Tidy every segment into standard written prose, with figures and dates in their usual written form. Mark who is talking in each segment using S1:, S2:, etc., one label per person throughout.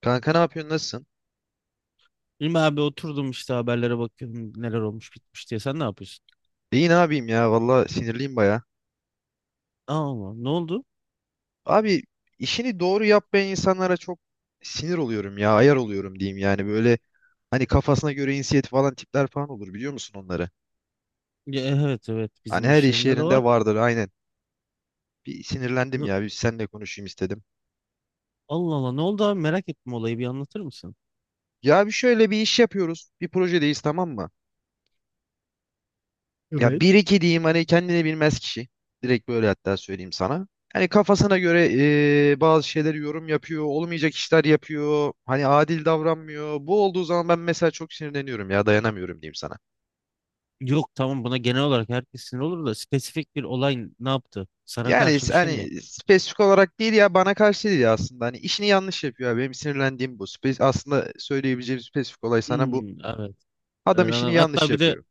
S1: Kanka ne yapıyorsun nasılsın?
S2: İlmi abi oturdum işte haberlere bakıyorum neler olmuş bitmiş diye. Sen ne yapıyorsun?
S1: İyi ne yapayım ya valla sinirliyim baya.
S2: Aa, ne oldu?
S1: Abi işini doğru yapmayan insanlara çok sinir oluyorum ya ayar oluyorum diyeyim yani böyle hani kafasına göre inisiyatif falan tipler falan olur biliyor musun onları?
S2: Ya, evet evet
S1: Hani
S2: bizim
S1: her
S2: iş
S1: iş
S2: yerinde de
S1: yerinde
S2: vardı.
S1: vardır aynen. Bir sinirlendim
S2: Ne-
S1: ya bir seninle konuşayım istedim.
S2: Allah Allah, ne oldu abi, merak ettim, olayı bir anlatır mısın?
S1: Ya bir şöyle bir iş yapıyoruz bir projedeyiz tamam mı? Ya
S2: Evet.
S1: bir iki diyeyim hani kendini bilmez kişi. Direkt böyle hatta söyleyeyim sana. Hani kafasına göre bazı şeyleri yorum yapıyor, olmayacak işler yapıyor. Hani adil davranmıyor. Bu olduğu zaman ben mesela çok sinirleniyorum ya dayanamıyorum diyeyim sana.
S2: Yok, tamam, buna genel olarak herkes sinir olur da spesifik bir olay ne yaptı? Sana
S1: Yani
S2: karşı bir şey mi
S1: hani
S2: yaptı?
S1: spesifik olarak değil ya bana karşı değil ya aslında. Hani işini yanlış yapıyor ya. Benim sinirlendiğim bu. Aslında söyleyebileceğim spesifik olay sana bu.
S2: Hmm, evet. Evet,
S1: Adam işini
S2: anladım.
S1: yanlış
S2: Hatta bir de
S1: yapıyor.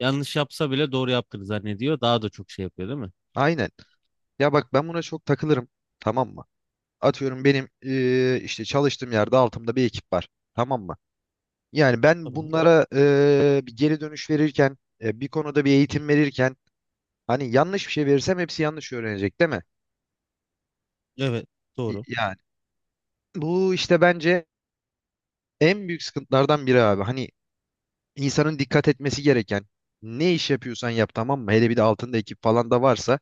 S2: yanlış yapsa bile doğru yaptığını zannediyor. Daha da çok şey yapıyor değil mi?
S1: Aynen. Ya bak ben buna çok takılırım. Tamam mı? Atıyorum benim işte çalıştığım yerde altımda bir ekip var. Tamam mı? Yani ben
S2: Tamam.
S1: bunlara bir geri dönüş verirken, bir konuda bir eğitim verirken hani yanlış bir şey verirsem hepsi yanlış öğrenecek değil mi?
S2: Evet,
S1: Y-
S2: doğru.
S1: Yani bu işte bence en büyük sıkıntılardan biri abi. Hani insanın dikkat etmesi gereken ne iş yapıyorsan yap tamam mı? Hele bir de altında ekip falan da varsa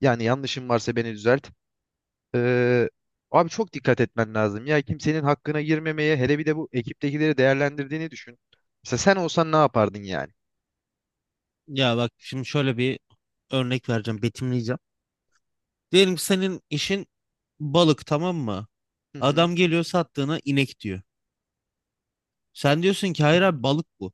S1: yani yanlışım varsa beni düzelt. Ee, Abi çok dikkat etmen lazım. Ya kimsenin hakkına girmemeye hele bir de bu ekiptekileri değerlendirdiğini düşün. Mesela sen olsan ne yapardın yani?
S2: Ya bak, şimdi şöyle bir örnek vereceğim, betimleyeceğim. Diyelim ki senin işin balık, tamam mı?
S1: Hı hı,
S2: Adam geliyor, sattığına inek diyor. Sen diyorsun ki hayır abi, balık bu.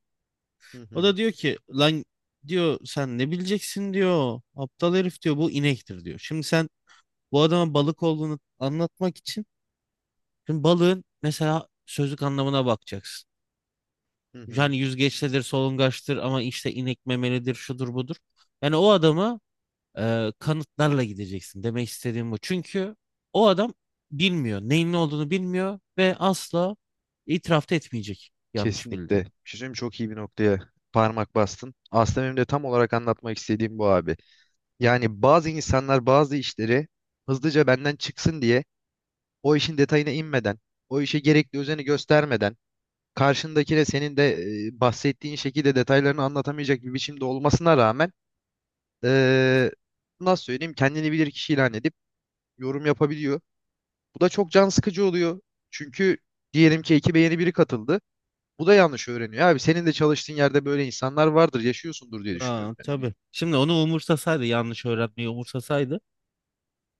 S1: hı
S2: O
S1: hı,
S2: da diyor ki lan, diyor, sen ne bileceksin diyor. Aptal herif, diyor, bu inektir diyor. Şimdi sen bu adama balık olduğunu anlatmak için şimdi balığın mesela sözlük anlamına bakacaksın.
S1: hı hı.
S2: Yani yüzgeçlidir, solungaçtır, ama işte inek memelidir, şudur budur. Yani o adama kanıtlarla gideceksin, demek istediğim bu. Çünkü o adam bilmiyor. Neyin ne olduğunu bilmiyor ve asla itiraf da etmeyecek yanlış
S1: Kesinlikle.
S2: bildiğini.
S1: Bir şey söyleyeyim mi? Çok iyi bir noktaya parmak bastın. Aslında benim de tam olarak anlatmak istediğim bu abi. Yani bazı insanlar bazı işleri hızlıca benden çıksın diye o işin detayına inmeden, o işe gerekli özeni göstermeden, karşındakine senin de bahsettiğin şekilde detaylarını anlatamayacak bir biçimde olmasına rağmen eee, nasıl söyleyeyim kendini bilir kişi ilan edip yorum yapabiliyor. Bu da çok can sıkıcı oluyor. Çünkü diyelim ki ekibe yeni biri katıldı. Bu da yanlış öğreniyor. Abi senin de çalıştığın yerde böyle insanlar vardır, yaşıyorsundur diye düşünüyorum.
S2: Aa, tabii. Şimdi onu umursasaydı, yanlış öğrenmeyi umursasaydı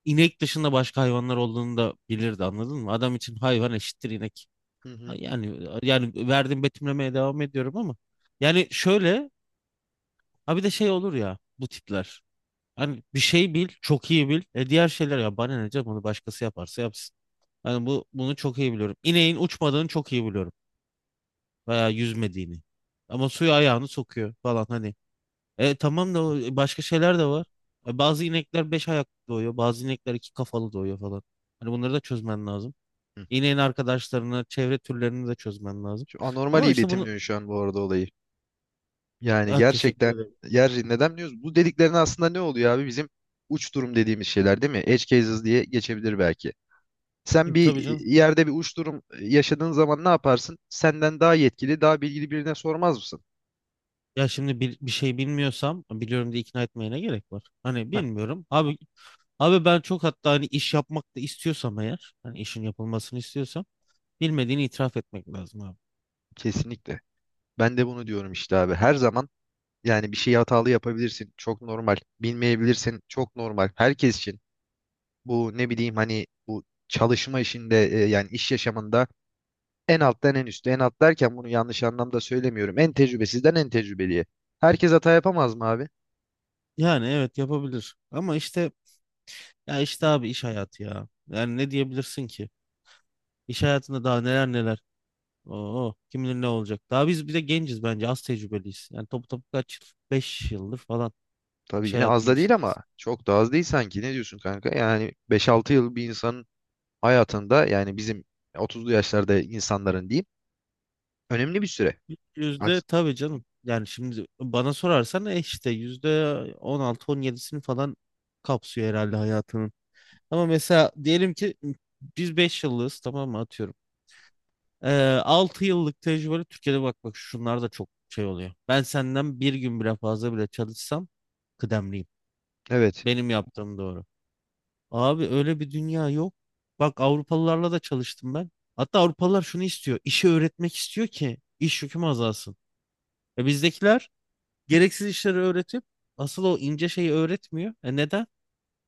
S2: inek dışında başka hayvanlar olduğunu da bilirdi, anladın mı? Adam için hayvan eşittir inek.
S1: Hı hı.
S2: Yani verdiğim betimlemeye devam ediyorum ama yani şöyle, ha bir de şey olur ya bu tipler. Hani bir şey bil, çok iyi bil. E, diğer şeyler, ya bana ne canım, onu başkası yaparsa yapsın. Yani bu bunu çok iyi biliyorum. İneğin uçmadığını çok iyi biliyorum. Veya yüzmediğini. Ama suya ayağını sokuyor falan hani. E, tamam da başka şeyler de var. Bazı inekler beş ayaklı doğuyor. Bazı inekler iki kafalı doğuyor falan. Hani bunları da çözmen lazım.
S1: Hı.
S2: İneğin arkadaşlarını, çevre türlerini de çözmen lazım.
S1: Şu anormal
S2: Ama
S1: iyi
S2: işte bunu.
S1: betimliyorsun şu an bu arada olayı. Yani
S2: Ha, teşekkür
S1: gerçekten
S2: ederim.
S1: yer neden diyoruz? Bu dediklerin aslında ne oluyor abi? Bizim uç durum dediğimiz şeyler değil mi? Edge cases diye geçebilir belki. Sen
S2: E,
S1: bir
S2: tabii canım.
S1: yerde bir uç durum yaşadığın zaman ne yaparsın? Senden daha yetkili, daha bilgili birine sormaz mısın?
S2: Ya şimdi bir şey bilmiyorsam biliyorum diye ikna etmeye ne gerek var? Hani
S1: Ha,
S2: bilmiyorum. Abi ben çok, hatta hani iş yapmak da istiyorsam, eğer hani işin yapılmasını istiyorsam bilmediğini itiraf etmek lazım abi.
S1: kesinlikle. Ben de bunu diyorum işte abi. Her zaman yani bir şeyi hatalı yapabilirsin. Çok normal. Bilmeyebilirsin. Çok normal. Herkes için bu ne bileyim hani bu çalışma işinde yani iş yaşamında en alttan en üste en alt derken bunu yanlış anlamda söylemiyorum. En tecrübesizden en tecrübeliye. Herkes hata yapamaz mı abi?
S2: Yani evet, yapabilir ama işte, ya işte abi iş hayatı ya. Yani ne diyebilirsin ki? İş hayatında daha neler neler. Oo, kim bilir ne olacak. Daha biz bir de genciz, bence az tecrübeliyiz. Yani topu topu kaç yıl? 5 yıldır falan
S1: Tabii
S2: iş
S1: yine az
S2: hayatının
S1: da değil ama
S2: içindeyiz.
S1: çok da az değil sanki. Ne diyorsun kanka? Yani 5-6 yıl bir insanın hayatında yani bizim 30'lu yaşlarda insanların diyeyim önemli bir süre.
S2: Yüzde
S1: Aks-
S2: tabii canım. Yani şimdi bana sorarsan işte yüzde on altı on yedisini falan kapsıyor herhalde hayatının. Ama mesela diyelim ki biz 5 yıllığız, tamam mı, atıyorum. 6 yıllık tecrübeli Türkiye'de, bak bak, şunlar da çok şey oluyor. Ben senden bir gün bile fazla bile çalışsam kıdemliyim.
S1: Evet.
S2: Benim yaptığım doğru. Abi öyle bir dünya yok. Bak, Avrupalılarla da çalıştım ben. Hatta Avrupalılar şunu istiyor. İşi öğretmek istiyor ki iş yüküm azalsın. E, bizdekiler gereksiz işleri öğretip asıl o ince şeyi öğretmiyor. E, neden?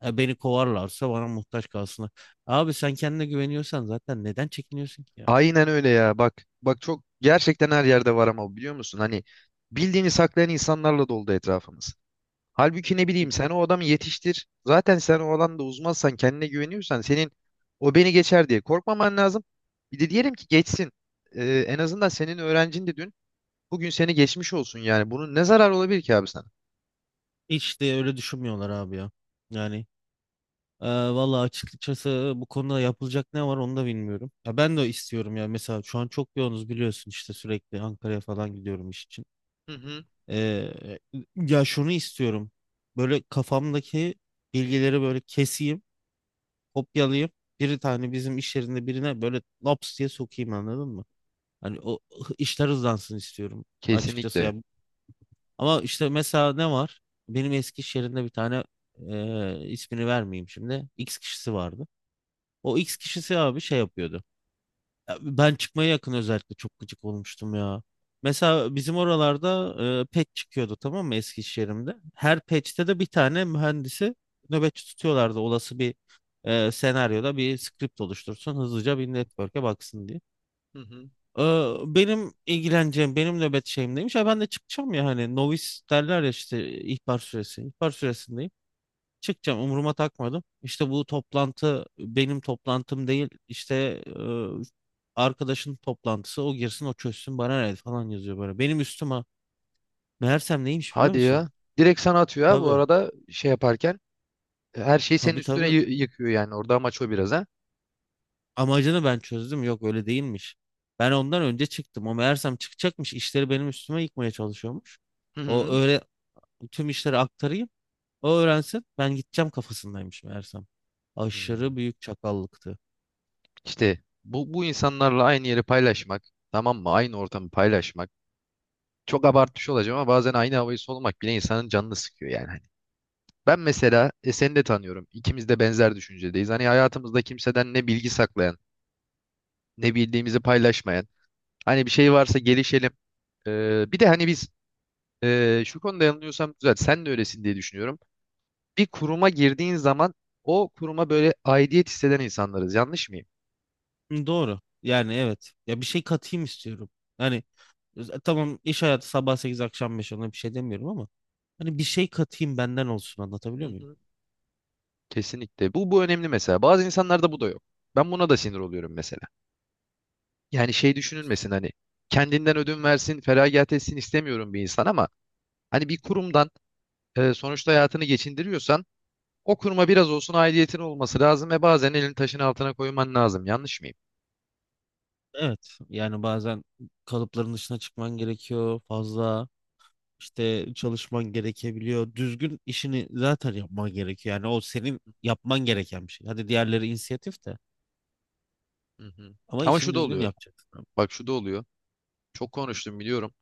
S2: E, beni kovarlarsa bana muhtaç kalsınlar. Abi, sen kendine güveniyorsan zaten neden çekiniyorsun ki ya?
S1: Aynen öyle ya. Bak bak çok gerçekten her yerde var ama biliyor musun? Hani bildiğini saklayan insanlarla doldu etrafımız. Halbuki ne bileyim sen o adamı yetiştir. Zaten sen o alanda uzmansan kendine güveniyorsan senin o beni geçer diye korkmaman lazım. Bir de diyelim ki geçsin. En azından senin öğrencin de dün bugün seni geçmiş olsun yani. Bunun ne zarar olabilir ki abi sana?
S2: Hiç de öyle düşünmüyorlar abi ya. Yani valla, açıkçası bu konuda yapılacak ne var onu da bilmiyorum. Ya ben de istiyorum ya, mesela şu an çok yoğunuz biliyorsun, işte sürekli Ankara'ya falan gidiyorum iş için.
S1: Hı hı.
S2: Ee, Ya, şunu istiyorum. Böyle kafamdaki bilgileri böyle keseyim, kopyalayayım. Bir tane bizim iş yerinde birine böyle laps diye sokayım, anladın mı? Hani o işler hızlansın istiyorum açıkçası
S1: Kesinlikle.
S2: ya. Ama işte mesela ne var? Benim eski iş yerinde bir tane, ismini vermeyeyim şimdi, X kişisi vardı. O X kişisi abi şey yapıyordu. Ya, ben çıkmaya yakın özellikle çok gıcık olmuştum ya. Mesela bizim oralarda patch çıkıyordu, tamam mı, Eskişehir'imde. Her patch'te de bir tane mühendisi nöbetçi tutuyorlardı. Olası bir senaryoda bir script oluştursun, hızlıca bir network'e baksın diye.
S1: Hı hı.
S2: E, benim ilgileneceğim, benim nöbet şeyim neymiş? Ha, ben de çıkacağım ya, hani novice derler ya işte, ihbar süresi. İhbar süresindeyim. Çıkacağım, umuruma takmadım. İşte bu toplantı benim toplantım değil. İşte arkadaşın toplantısı, o girsin o çözsün, bana ne, falan yazıyor böyle. Benim üstüme meğersem neymiş biliyor
S1: Hadi
S2: musun?
S1: ya. Direkt sana atıyor ha bu
S2: Tabii,
S1: arada şey yaparken. Her şeyi senin
S2: tabii,
S1: üstüne
S2: tabii,
S1: yıkıyor yani. Orada amaç o biraz ha.
S2: amacını ben çözdüm, yok, öyle değilmiş. Ben ondan önce çıktım, o meğersem çıkacakmış. İşleri benim üstüme yıkmaya çalışıyormuş.
S1: Hı
S2: O
S1: hı.
S2: öyle tüm işleri aktarayım, o öğrensin, ben gideceğim kafasındaymış meğersem. Aşırı
S1: Hmm.
S2: büyük çakallıktı.
S1: İşte bu insanlarla aynı yeri paylaşmak, tamam mı? Aynı ortamı paylaşmak. Çok abartmış olacağım ama bazen aynı havayı solumak bile insanın canını sıkıyor yani. Hani ben mesela seni de tanıyorum. İkimiz de benzer düşüncedeyiz. Hani hayatımızda kimseden ne bilgi saklayan, ne bildiğimizi paylaşmayan. Hani bir şey varsa gelişelim. Bir de hani biz şu konuda yanılıyorsam güzel. Sen de öylesin diye düşünüyorum. Bir kuruma girdiğin zaman o kuruma böyle aidiyet hisseden insanlarız. Yanlış mıyım?
S2: Hı, doğru. Yani evet. Ya, bir şey katayım istiyorum. Yani tamam, iş hayatı sabah sekiz akşam beş, ona bir şey demiyorum ama hani bir şey katayım benden olsun, anlatabiliyor muyum?
S1: Kesinlikle. Bu önemli mesela. Bazı insanlarda bu da yok. Ben buna da sinir oluyorum mesela. Yani şey düşünülmesin hani kendinden ödün versin, feragat etsin istemiyorum bir insan ama hani bir kurumdan sonuçta hayatını geçindiriyorsan o kuruma biraz olsun aidiyetin olması lazım ve bazen elini taşın altına koyman lazım. Yanlış mıyım?
S2: Evet. Yani bazen kalıpların dışına çıkman gerekiyor fazla. İşte çalışman gerekebiliyor. Düzgün işini zaten yapman gerekiyor. Yani o senin yapman gereken bir şey. Hadi diğerleri inisiyatif de,
S1: Hı hı.
S2: ama
S1: Ama
S2: işini
S1: şu da
S2: düzgün
S1: oluyor.
S2: yapacaksın, abi.
S1: Bak şu da oluyor. Çok konuştum biliyorum.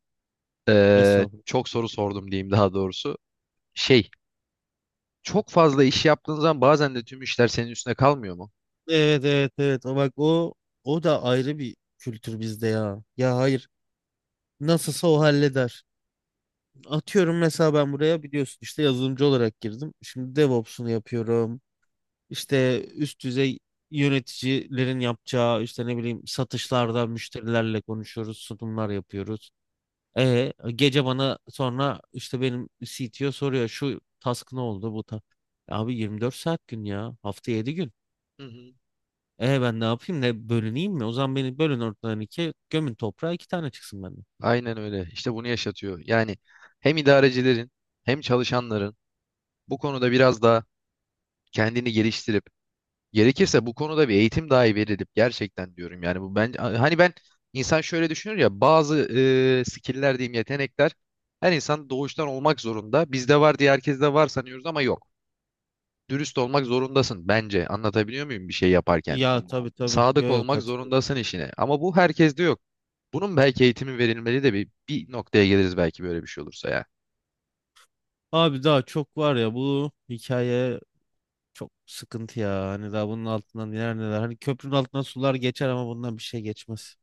S2: Estağfurullah.
S1: Çok soru sordum diyeyim daha doğrusu. Şey, çok fazla iş yaptığın zaman bazen de tüm işler senin üstüne kalmıyor mu?
S2: Evet, evet, evet. Bak, o da ayrı bir kültür bizde ya. Ya, hayır. Nasılsa o halleder. Atıyorum, mesela ben buraya biliyorsun işte yazılımcı olarak girdim. Şimdi DevOps'unu yapıyorum. İşte üst düzey yöneticilerin yapacağı işte, ne bileyim, satışlarda müşterilerle konuşuyoruz, sunumlar yapıyoruz. E, gece bana sonra işte benim CTO soruyor şu task ne oldu bu ta. Abi 24 saat gün, ya hafta 7 gün.
S1: Hı hı.
S2: E, ben ne yapayım, ne bölüneyim mi? O zaman beni bölün ortadan ikiye, gömün toprağa, iki tane çıksın benden.
S1: Aynen öyle. İşte bunu yaşatıyor. Yani hem idarecilerin hem çalışanların bu konuda biraz daha kendini geliştirip gerekirse bu konuda bir eğitim dahi verilip gerçekten diyorum yani bu ben hani ben insan şöyle düşünür ya bazı skill'ler diyeyim yetenekler her insan doğuştan olmak zorunda. Bizde var diye herkeste var sanıyoruz ama yok. Dürüst olmak zorundasın bence. Anlatabiliyor muyum bir şey yaparken?
S2: Ya tabii tabii,
S1: Sadık
S2: yok yok,
S1: olmak
S2: katılıyorum.
S1: zorundasın işine. Ama bu herkeste yok. Bunun belki eğitimi verilmeli de bir noktaya geliriz belki böyle bir şey olursa ya.
S2: Abi daha çok var ya bu hikaye, çok sıkıntı ya. Hani daha bunun altından neler neler. Hani köprünün altından sular geçer ama bundan bir şey geçmez.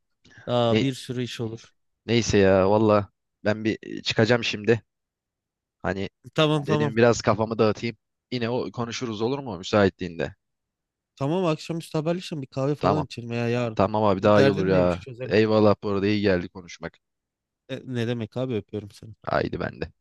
S2: Daha
S1: Ne,
S2: bir sürü iş olur.
S1: Neyse ya valla ben bir çıkacağım şimdi. Hani
S2: Tamam, tamam.
S1: dedim biraz kafamı dağıtayım. Yine o konuşuruz olur mu müsaitliğinde?
S2: Tamam, akşamüstü haberleşelim, bir kahve
S1: Tamam.
S2: falan içelim veya yarın.
S1: Tamam abi
S2: Bir
S1: daha iyi olur
S2: derdin neymiş
S1: ya.
S2: çözelim.
S1: Eyvallah bu arada iyi geldi konuşmak.
S2: E, ne demek abi, öpüyorum seni.
S1: Haydi ben de.